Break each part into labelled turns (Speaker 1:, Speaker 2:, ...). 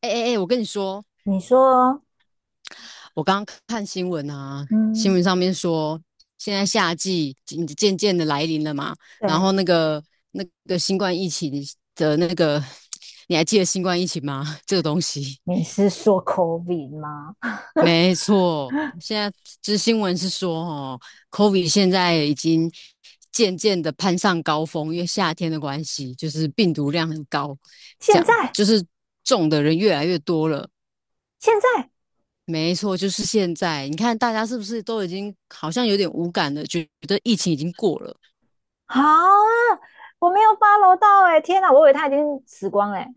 Speaker 1: 哎哎哎，我跟你说，
Speaker 2: 你说，
Speaker 1: 我刚刚看新闻啊，新闻
Speaker 2: 嗯，
Speaker 1: 上面说，现在夏季渐渐的来临了嘛，然
Speaker 2: 对，
Speaker 1: 后那个新冠疫情的那个，你还记得新冠疫情吗？这个东西，
Speaker 2: 你是说 COVID 吗？
Speaker 1: 没错，现在这新闻是说，哦，COVID 现在已经渐渐的攀上高峰，因为夏天的关系，就是病毒量很高，这
Speaker 2: 现
Speaker 1: 样
Speaker 2: 在，
Speaker 1: 就是中的人越来越多了。
Speaker 2: 现在，
Speaker 1: 没错，就是现在。你看，大家是不是都已经好像有点无感了，觉得疫情已经过了？
Speaker 2: 好啊，我没有八楼到哎、天哪，我以为他已经死光哎、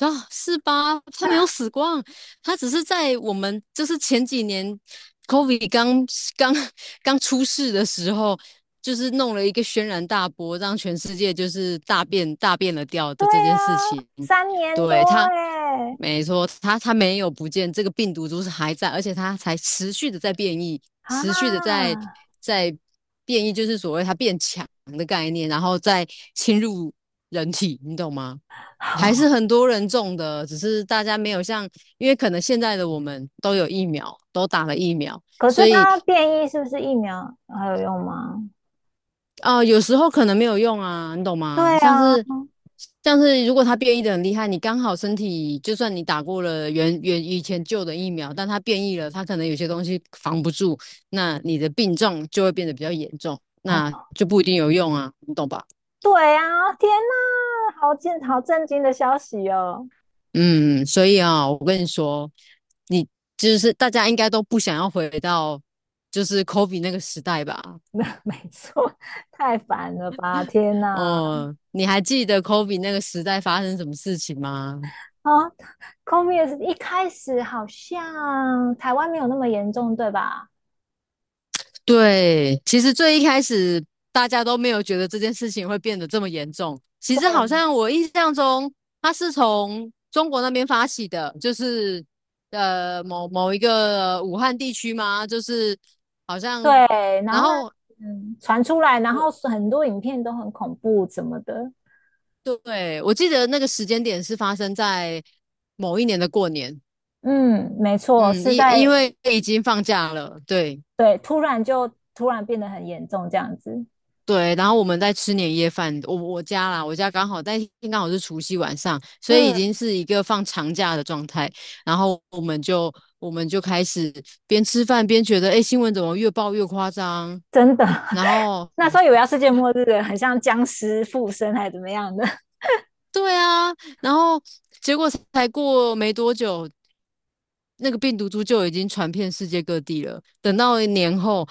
Speaker 1: 啊，是吧？他没有死光，他只是在我们就是前几年 COVID 刚刚出世的时候，就是弄了一个轩然大波，让全世界就是大变了调的
Speaker 2: 对
Speaker 1: 这
Speaker 2: 呀、
Speaker 1: 件事情。
Speaker 2: 3年多
Speaker 1: 对，
Speaker 2: 哎、
Speaker 1: 没错，他没有不见，这个病毒株是还在，而且它才持续的在变异，持续的
Speaker 2: 啊，
Speaker 1: 在在变异，就是所谓它变强的概念，然后再侵入人体，你懂吗？还是
Speaker 2: 好，
Speaker 1: 很多人中的，只是大家没有像，因为可能现在的我们都有疫苗，都打了疫苗，
Speaker 2: 可
Speaker 1: 所
Speaker 2: 是
Speaker 1: 以
Speaker 2: 他变异是不是疫苗还有用吗？
Speaker 1: 有时候可能没有用啊，你懂吗？
Speaker 2: 对
Speaker 1: 像
Speaker 2: 啊，
Speaker 1: 是像是如果它变异的很厉害，你刚好身体就算你打过了以前旧的疫苗，但它变异了，它可能有些东西防不住，那你的病症就会变得比较严重，
Speaker 2: 哦，
Speaker 1: 那就不一定有用啊，你懂吧？
Speaker 2: 对啊，天哪，震惊的消息哦！
Speaker 1: 嗯，所以啊，我跟你说，你就是大家应该都不想要回到就是 Kobe 那个时代吧？
Speaker 2: 没错，太烦了吧！天哪，
Speaker 1: 哦，你还记得 Kobe 那个时代发生什么事情吗？
Speaker 2: 啊 c o m i 也 s 一开始好像台湾没有那么严重，对吧？
Speaker 1: 对，其实最一开始大家都没有觉得这件事情会变得这么严重。其实好
Speaker 2: 对，
Speaker 1: 像我印象中，它是从中国那边发起的，就是某一个武汉地区嘛，就是好像，
Speaker 2: 对，然
Speaker 1: 然
Speaker 2: 后那
Speaker 1: 后
Speaker 2: 传出来，然
Speaker 1: 我，
Speaker 2: 后很多影片都很恐怖什么的。
Speaker 1: 对，我记得那个时间点是发生在某一年的过年，
Speaker 2: 嗯，没错，
Speaker 1: 嗯，
Speaker 2: 是
Speaker 1: 因因
Speaker 2: 在
Speaker 1: 为已经放假了，对
Speaker 2: 对，突然变得很严重这样子。
Speaker 1: 对，然后我们在吃年夜饭，我家啦，我家刚好是除夕晚上，所以已
Speaker 2: 嗯，
Speaker 1: 经是一个放长假的状态，然后我们就开始边吃饭边觉得，哎，新闻怎么越报越夸张，
Speaker 2: 真的，
Speaker 1: 然 后
Speaker 2: 那时候以为要世界 末日了，很像僵尸附身还是怎么样的。
Speaker 1: 对啊，然后结果才过没多久，那个病毒株就已经传遍世界各地了。等到年后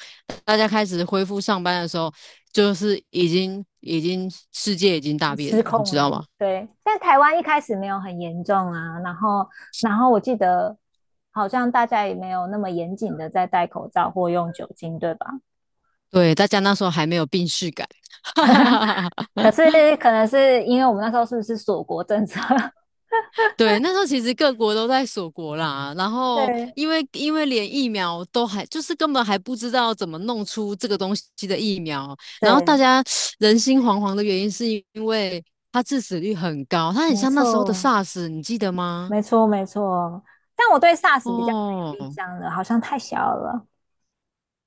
Speaker 1: 大家开始恢复上班的时候，就是已经世界已经大变
Speaker 2: 失
Speaker 1: 了，你
Speaker 2: 控
Speaker 1: 知
Speaker 2: 了。
Speaker 1: 道吗？
Speaker 2: 对，但台湾一开始没有很严重啊，然后我记得好像大家也没有那么严谨的在戴口罩或用酒精，对吧？
Speaker 1: 对，大家那时候还没有病逝感。哈，
Speaker 2: 可是可能是因为我们那时候是不是锁国政策？
Speaker 1: 对，那时候其实各国都在锁国啦，然 后
Speaker 2: 对，
Speaker 1: 因为连疫苗都还就是根本还不知道怎么弄出这个东西的疫苗，然后大
Speaker 2: 对，
Speaker 1: 家人心惶惶的原因是因为它致死率很高，它很
Speaker 2: 没
Speaker 1: 像那时候的
Speaker 2: 错，
Speaker 1: SARS，你记得吗？
Speaker 2: 没错，没错。但我对 SARS 比较没有印
Speaker 1: 哦，
Speaker 2: 象了，好像太小了。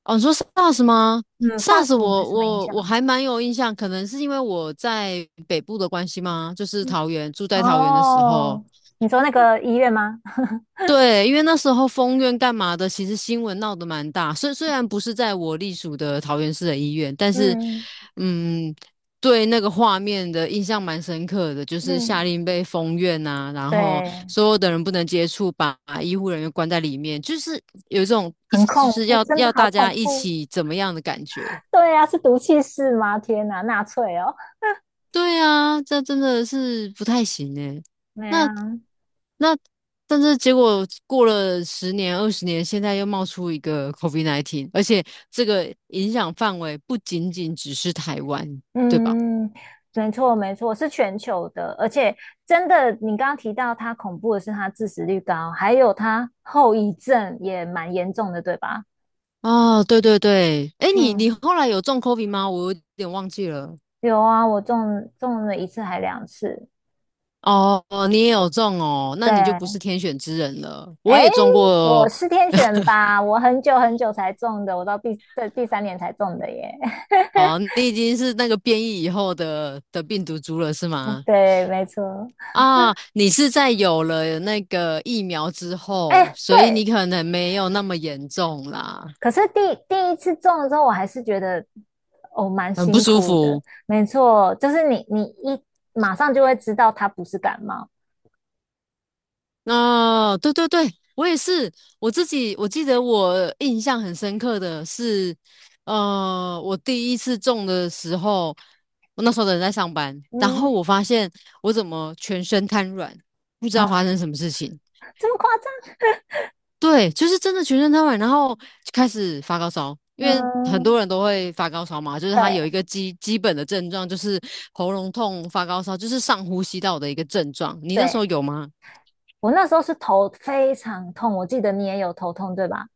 Speaker 1: 哦，你说 SARS 吗
Speaker 2: 嗯，SARS
Speaker 1: ？SARS
Speaker 2: 我没
Speaker 1: 我
Speaker 2: 什么印
Speaker 1: 我我
Speaker 2: 象。
Speaker 1: 还蛮有印象，可能是因为我在北部的关系吗？就是
Speaker 2: 嗯
Speaker 1: 桃园，住在桃园的时候，
Speaker 2: 哦，你说那个医院吗？
Speaker 1: 对，因为那时候封院干嘛的，其实新闻闹得蛮大。虽然不是在我隶属的桃园市的医院，但是，
Speaker 2: 嗯
Speaker 1: 嗯，对那个画面的印象蛮深刻的，就是下
Speaker 2: 嗯，
Speaker 1: 令被封院啊，然后
Speaker 2: 对，
Speaker 1: 所有的人不能接触，把医护人员关在里面，就是有一种一
Speaker 2: 很
Speaker 1: 起就
Speaker 2: 恐
Speaker 1: 是
Speaker 2: 怖，
Speaker 1: 要
Speaker 2: 真
Speaker 1: 要
Speaker 2: 的好
Speaker 1: 大家
Speaker 2: 恐
Speaker 1: 一
Speaker 2: 怖。
Speaker 1: 起怎么样的感觉。
Speaker 2: 对啊，是毒气室吗？天哪，纳粹哦。
Speaker 1: 对啊，这真的是不太行诶。
Speaker 2: 没
Speaker 1: 那
Speaker 2: 啊，
Speaker 1: 那但是结果过了十年、20年，现在又冒出一个 COVID-19，而且这个影响范围不仅仅只是台湾，对吧？
Speaker 2: 嗯，没错没错，是全球的，而且真的，你刚刚提到它恐怖的是它致死率高，还有它后遗症也蛮严重的，对吧？
Speaker 1: 哦，对对对，哎，你
Speaker 2: 嗯，
Speaker 1: 后来有中 COVID 吗？我有点忘记了。
Speaker 2: 有啊，我中了一次还两次。
Speaker 1: 哦，你也有中哦，那你就不是
Speaker 2: 对，
Speaker 1: 天选之人了。我
Speaker 2: 哎，
Speaker 1: 也中
Speaker 2: 我
Speaker 1: 过
Speaker 2: 是天选吧？我很久很久才中的，我到第三年才中的耶。
Speaker 1: 哦，你已经是那个变异以后的病毒株了，是吗？
Speaker 2: 对，没错。
Speaker 1: 啊，你是在有了那个疫苗之后，
Speaker 2: 哎，
Speaker 1: 所以你
Speaker 2: 对，
Speaker 1: 可能没有那么严重啦，
Speaker 2: 可是第一次种了之候，我还是觉得哦蛮
Speaker 1: 很不
Speaker 2: 辛
Speaker 1: 舒
Speaker 2: 苦的。
Speaker 1: 服。
Speaker 2: 没错，就是你一马上就会知道它不是感冒，
Speaker 1: 哦，对对对，我也是，我自己我记得我印象很深刻的是，我第一次种的时候，我那时候的人在上班，然后
Speaker 2: 嗯，
Speaker 1: 我发现我怎么全身瘫软，不知道
Speaker 2: 啊，
Speaker 1: 发生什么事情。
Speaker 2: 这么夸张？
Speaker 1: 对，就是真的全身瘫痪，然后就开始发高烧，因为很多
Speaker 2: 嗯，
Speaker 1: 人都会发高烧嘛，就是他有
Speaker 2: 对
Speaker 1: 一个基本的症状，就是喉咙痛、发高烧，就是上呼吸道的一个症状。你那时候
Speaker 2: 对，
Speaker 1: 有吗？
Speaker 2: 我那时候是头非常痛，我记得你也有头痛对吧？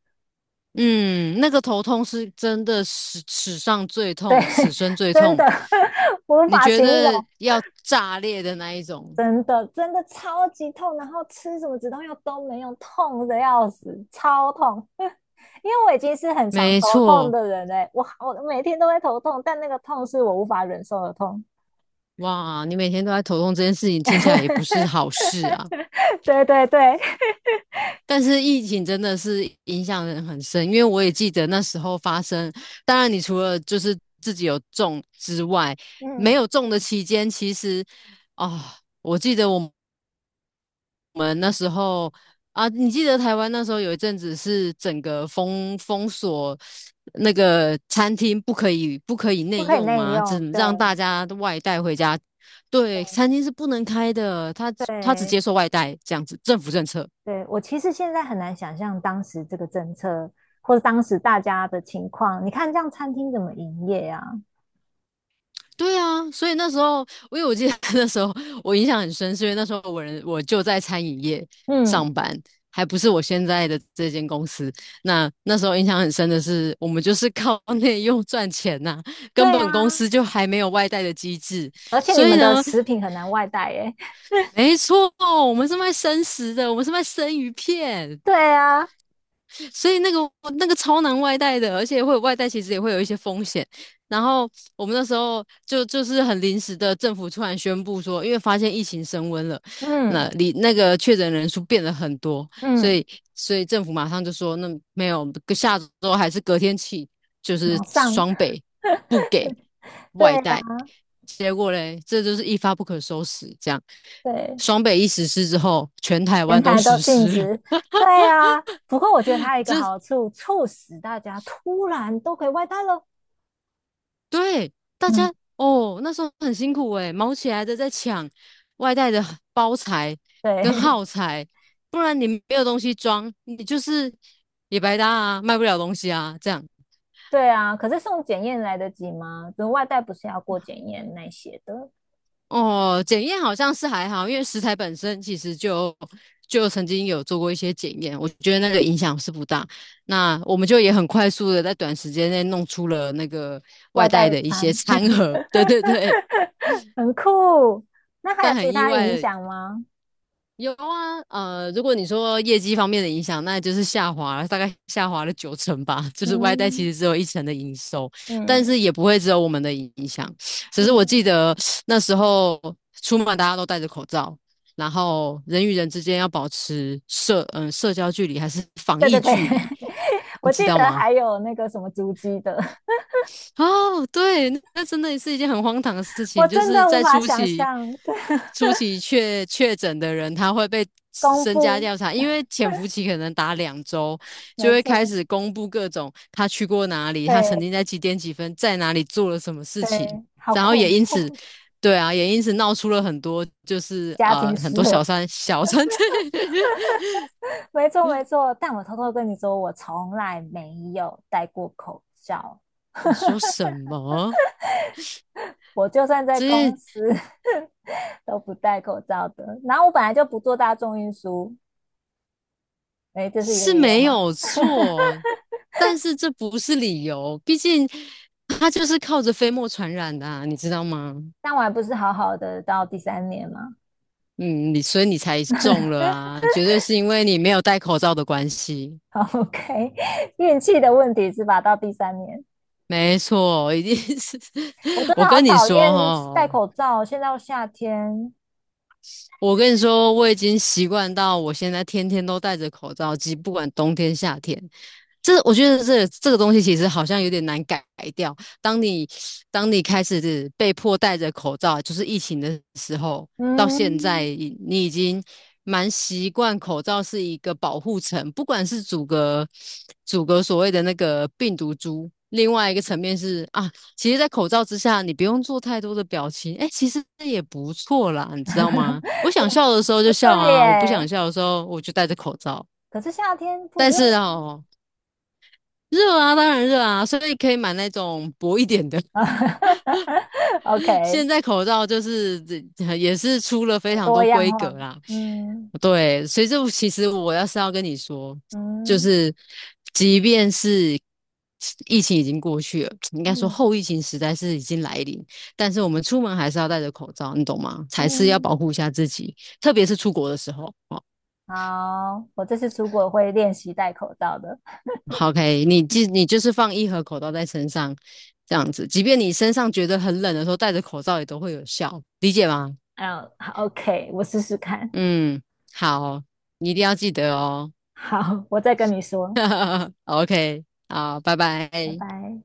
Speaker 1: 嗯，那个头痛是真的史上最
Speaker 2: 对，
Speaker 1: 痛，此 生最
Speaker 2: 真
Speaker 1: 痛。
Speaker 2: 的 无
Speaker 1: 你
Speaker 2: 法
Speaker 1: 觉
Speaker 2: 形
Speaker 1: 得
Speaker 2: 容，
Speaker 1: 要炸裂的那一种？
Speaker 2: 真的真的超级痛，然后吃什么止痛药都没用，痛的要死，超痛。因为我已经是很常
Speaker 1: 没
Speaker 2: 头痛
Speaker 1: 错，
Speaker 2: 的人嘞，我每天都会头痛，但那个痛是我无法忍受的痛。
Speaker 1: 哇，你每天都在头痛这件事情，听起来也不是好 事啊。
Speaker 2: 对对对，
Speaker 1: 但是疫情真的是影响人很深，因为我也记得那时候发生。当然，你除了就是自己有中之外，没
Speaker 2: 嗯，
Speaker 1: 有中的期间，其实啊、我记得我们那时候啊，你记得台湾那时候有一阵子是整个封锁那个餐厅不可以
Speaker 2: 不
Speaker 1: 内
Speaker 2: 可以
Speaker 1: 用
Speaker 2: 内
Speaker 1: 吗？只
Speaker 2: 用。
Speaker 1: 能让
Speaker 2: 对
Speaker 1: 大家外带回家。对，餐厅是不能开的，他只
Speaker 2: 对
Speaker 1: 接受外带这样子，政府政策。
Speaker 2: 对，我其实现在很难想象当时这个政策或者当时大家的情况。你看这样餐厅怎么营业啊？
Speaker 1: 对啊，所以那时候，因为我记得 那时候我印象很深，是因为那时候我就在餐饮业
Speaker 2: 嗯
Speaker 1: 上班，还不是我现在的这间公司。那时候印象很深的是，我们就是靠内用赚钱呐、
Speaker 2: 对
Speaker 1: 根本公
Speaker 2: 啊，
Speaker 1: 司就还没有外带的机制。
Speaker 2: 而且你
Speaker 1: 所以
Speaker 2: 们的
Speaker 1: 呢，
Speaker 2: 食品很难外带耶。
Speaker 1: 没错，我们是卖生食的，我们是卖生鱼片。
Speaker 2: 对啊，
Speaker 1: 所以那个超难外带的，而且会有外带，其实也会有一些风险。然后我们那时候就是很临时的，政府突然宣布说，因为发现疫情升温了，那
Speaker 2: 嗯
Speaker 1: 里那个确诊人数变了很多，所
Speaker 2: 嗯，
Speaker 1: 以所以政府马上就说，那没有，下周还是隔天起，就是
Speaker 2: 马上。
Speaker 1: 双北不给
Speaker 2: 对
Speaker 1: 外
Speaker 2: 呀、
Speaker 1: 带。结果嘞，这就是一发不可收拾，这样。
Speaker 2: 对。
Speaker 1: 双北一实施之后，全台
Speaker 2: 前
Speaker 1: 湾都
Speaker 2: 台都
Speaker 1: 实
Speaker 2: 禁
Speaker 1: 施了，
Speaker 2: 止。对啊，不过我觉得它有一个
Speaker 1: 这
Speaker 2: 好处，促使大家突然都可以外带了。
Speaker 1: 对，大
Speaker 2: 嗯，
Speaker 1: 家哦，那时候很辛苦诶，忙起来的在抢外带的包材跟
Speaker 2: 对
Speaker 1: 耗材，不然你没有东西装，你就是也白搭啊，卖不了东西啊，这样。
Speaker 2: 对啊。可是送检验来得及吗？就外带不是要过检验那些的，
Speaker 1: 哦，检验好像是还好，因为食材本身其实就曾经有做过一些检验，我觉得那个影响是不大。那我们就也很快速的在短时间内弄出了那个外
Speaker 2: 外
Speaker 1: 带
Speaker 2: 带
Speaker 1: 的一些
Speaker 2: 餐
Speaker 1: 餐盒，对对对，
Speaker 2: 很酷。那还
Speaker 1: 但
Speaker 2: 有
Speaker 1: 很
Speaker 2: 其
Speaker 1: 意
Speaker 2: 他影
Speaker 1: 外。
Speaker 2: 响吗？
Speaker 1: 有啊，如果你说业绩方面的影响，那就是下滑了，大概下滑了九成吧。就是外带其
Speaker 2: 嗯
Speaker 1: 实只有一成的营收，但是
Speaker 2: 嗯，
Speaker 1: 也不会只有我们的影响。只是我记
Speaker 2: 嗯，
Speaker 1: 得那时候出门大家都戴着口罩，然后人与人之间要保持社交距离还是防
Speaker 2: 对
Speaker 1: 疫
Speaker 2: 对对，
Speaker 1: 距离，你
Speaker 2: 我
Speaker 1: 知
Speaker 2: 记
Speaker 1: 道
Speaker 2: 得
Speaker 1: 吗？
Speaker 2: 还有那个什么足迹的，
Speaker 1: 哦，对，那那真的是一件很荒唐的事
Speaker 2: 我
Speaker 1: 情，就
Speaker 2: 真
Speaker 1: 是
Speaker 2: 的无
Speaker 1: 在
Speaker 2: 法
Speaker 1: 初
Speaker 2: 想
Speaker 1: 期，
Speaker 2: 象。对，
Speaker 1: 初期确诊的人，他会被
Speaker 2: 公
Speaker 1: 身家
Speaker 2: 布，
Speaker 1: 调查，因为潜伏期可能打2周，就
Speaker 2: 没
Speaker 1: 会开
Speaker 2: 错，
Speaker 1: 始公布各种他去过哪里，他曾经
Speaker 2: 对。
Speaker 1: 在几点几分在哪里做了什么事情，
Speaker 2: 对，好
Speaker 1: 然后也
Speaker 2: 恐
Speaker 1: 因此，
Speaker 2: 怖，
Speaker 1: 对啊，也因此闹出了很多，就是
Speaker 2: 家
Speaker 1: 啊、
Speaker 2: 庭
Speaker 1: 很
Speaker 2: 失
Speaker 1: 多小
Speaker 2: 和，
Speaker 1: 三小三，
Speaker 2: 没错没错。但我偷偷跟你说，我从来没有戴过口罩，
Speaker 1: 你说什 么？
Speaker 2: 我就算在
Speaker 1: 这些
Speaker 2: 公司 都不戴口罩的。然后我本来就不坐大众运输，哎，这是一个
Speaker 1: 是
Speaker 2: 理由
Speaker 1: 没
Speaker 2: 吗？
Speaker 1: 有错，但是这不是理由，毕竟它就是靠着飞沫传染的啊，你知道吗？
Speaker 2: 但我还不是好好的到第三年吗？
Speaker 1: 嗯，所以你才中了 啊，绝对是因为你没有戴口罩的关系。
Speaker 2: 好，OK，运气的问题是吧？到第三年，
Speaker 1: 没错，一定是。
Speaker 2: 我 真
Speaker 1: 我
Speaker 2: 的好
Speaker 1: 跟你
Speaker 2: 讨
Speaker 1: 说
Speaker 2: 厌戴
Speaker 1: 哈、
Speaker 2: 口罩。现在又夏天，
Speaker 1: 我跟你说，我已经习惯到我现在天天都戴着口罩，即不管冬天夏天。这我觉得这个东西其实好像有点难改掉。当你当你开始是被迫戴着口罩，就是疫情的时候，到现在
Speaker 2: 嗯，
Speaker 1: 你已经蛮习惯口罩是一个保护层，不管是阻隔所谓的那个病毒株，另外一个层面是啊，其实，在口罩之下，你不用做太多的表情，哎、其实也不错啦，你知道吗？我想笑的时候就 笑
Speaker 2: 对
Speaker 1: 啊，我不想
Speaker 2: 耶，
Speaker 1: 笑的时候我就戴着口罩。
Speaker 2: 可是夏天不
Speaker 1: 但
Speaker 2: 热
Speaker 1: 是
Speaker 2: 吗
Speaker 1: 哦，热啊，当然热啊，所以可以买那种薄一点的，
Speaker 2: ？OK，
Speaker 1: 现在口罩就是这也是出了非
Speaker 2: 很
Speaker 1: 常多
Speaker 2: 多样
Speaker 1: 规格
Speaker 2: 化。
Speaker 1: 啦。
Speaker 2: 嗯
Speaker 1: 对，所以这其实我是要跟你说，就
Speaker 2: 嗯
Speaker 1: 是即便是疫情已经过去了，应该说
Speaker 2: 嗯
Speaker 1: 后疫情时代是已经来临，但是我们出门还是要戴着口罩，你懂吗？才是要
Speaker 2: 嗯，
Speaker 1: 保护一下自己，特别是出国的时候。哦，
Speaker 2: 好，我这次出国会练习戴口罩的。
Speaker 1: 好，OK，你就是放一盒口罩在身上，这样子，即便你身上觉得很冷的时候，戴着口罩也都会有效，理解吗？
Speaker 2: 嗯好，OK，我试试看。
Speaker 1: 嗯，好，你一定要记得哦。
Speaker 2: 好，我再跟你说，
Speaker 1: OK，好，拜
Speaker 2: 拜
Speaker 1: 拜。
Speaker 2: 拜。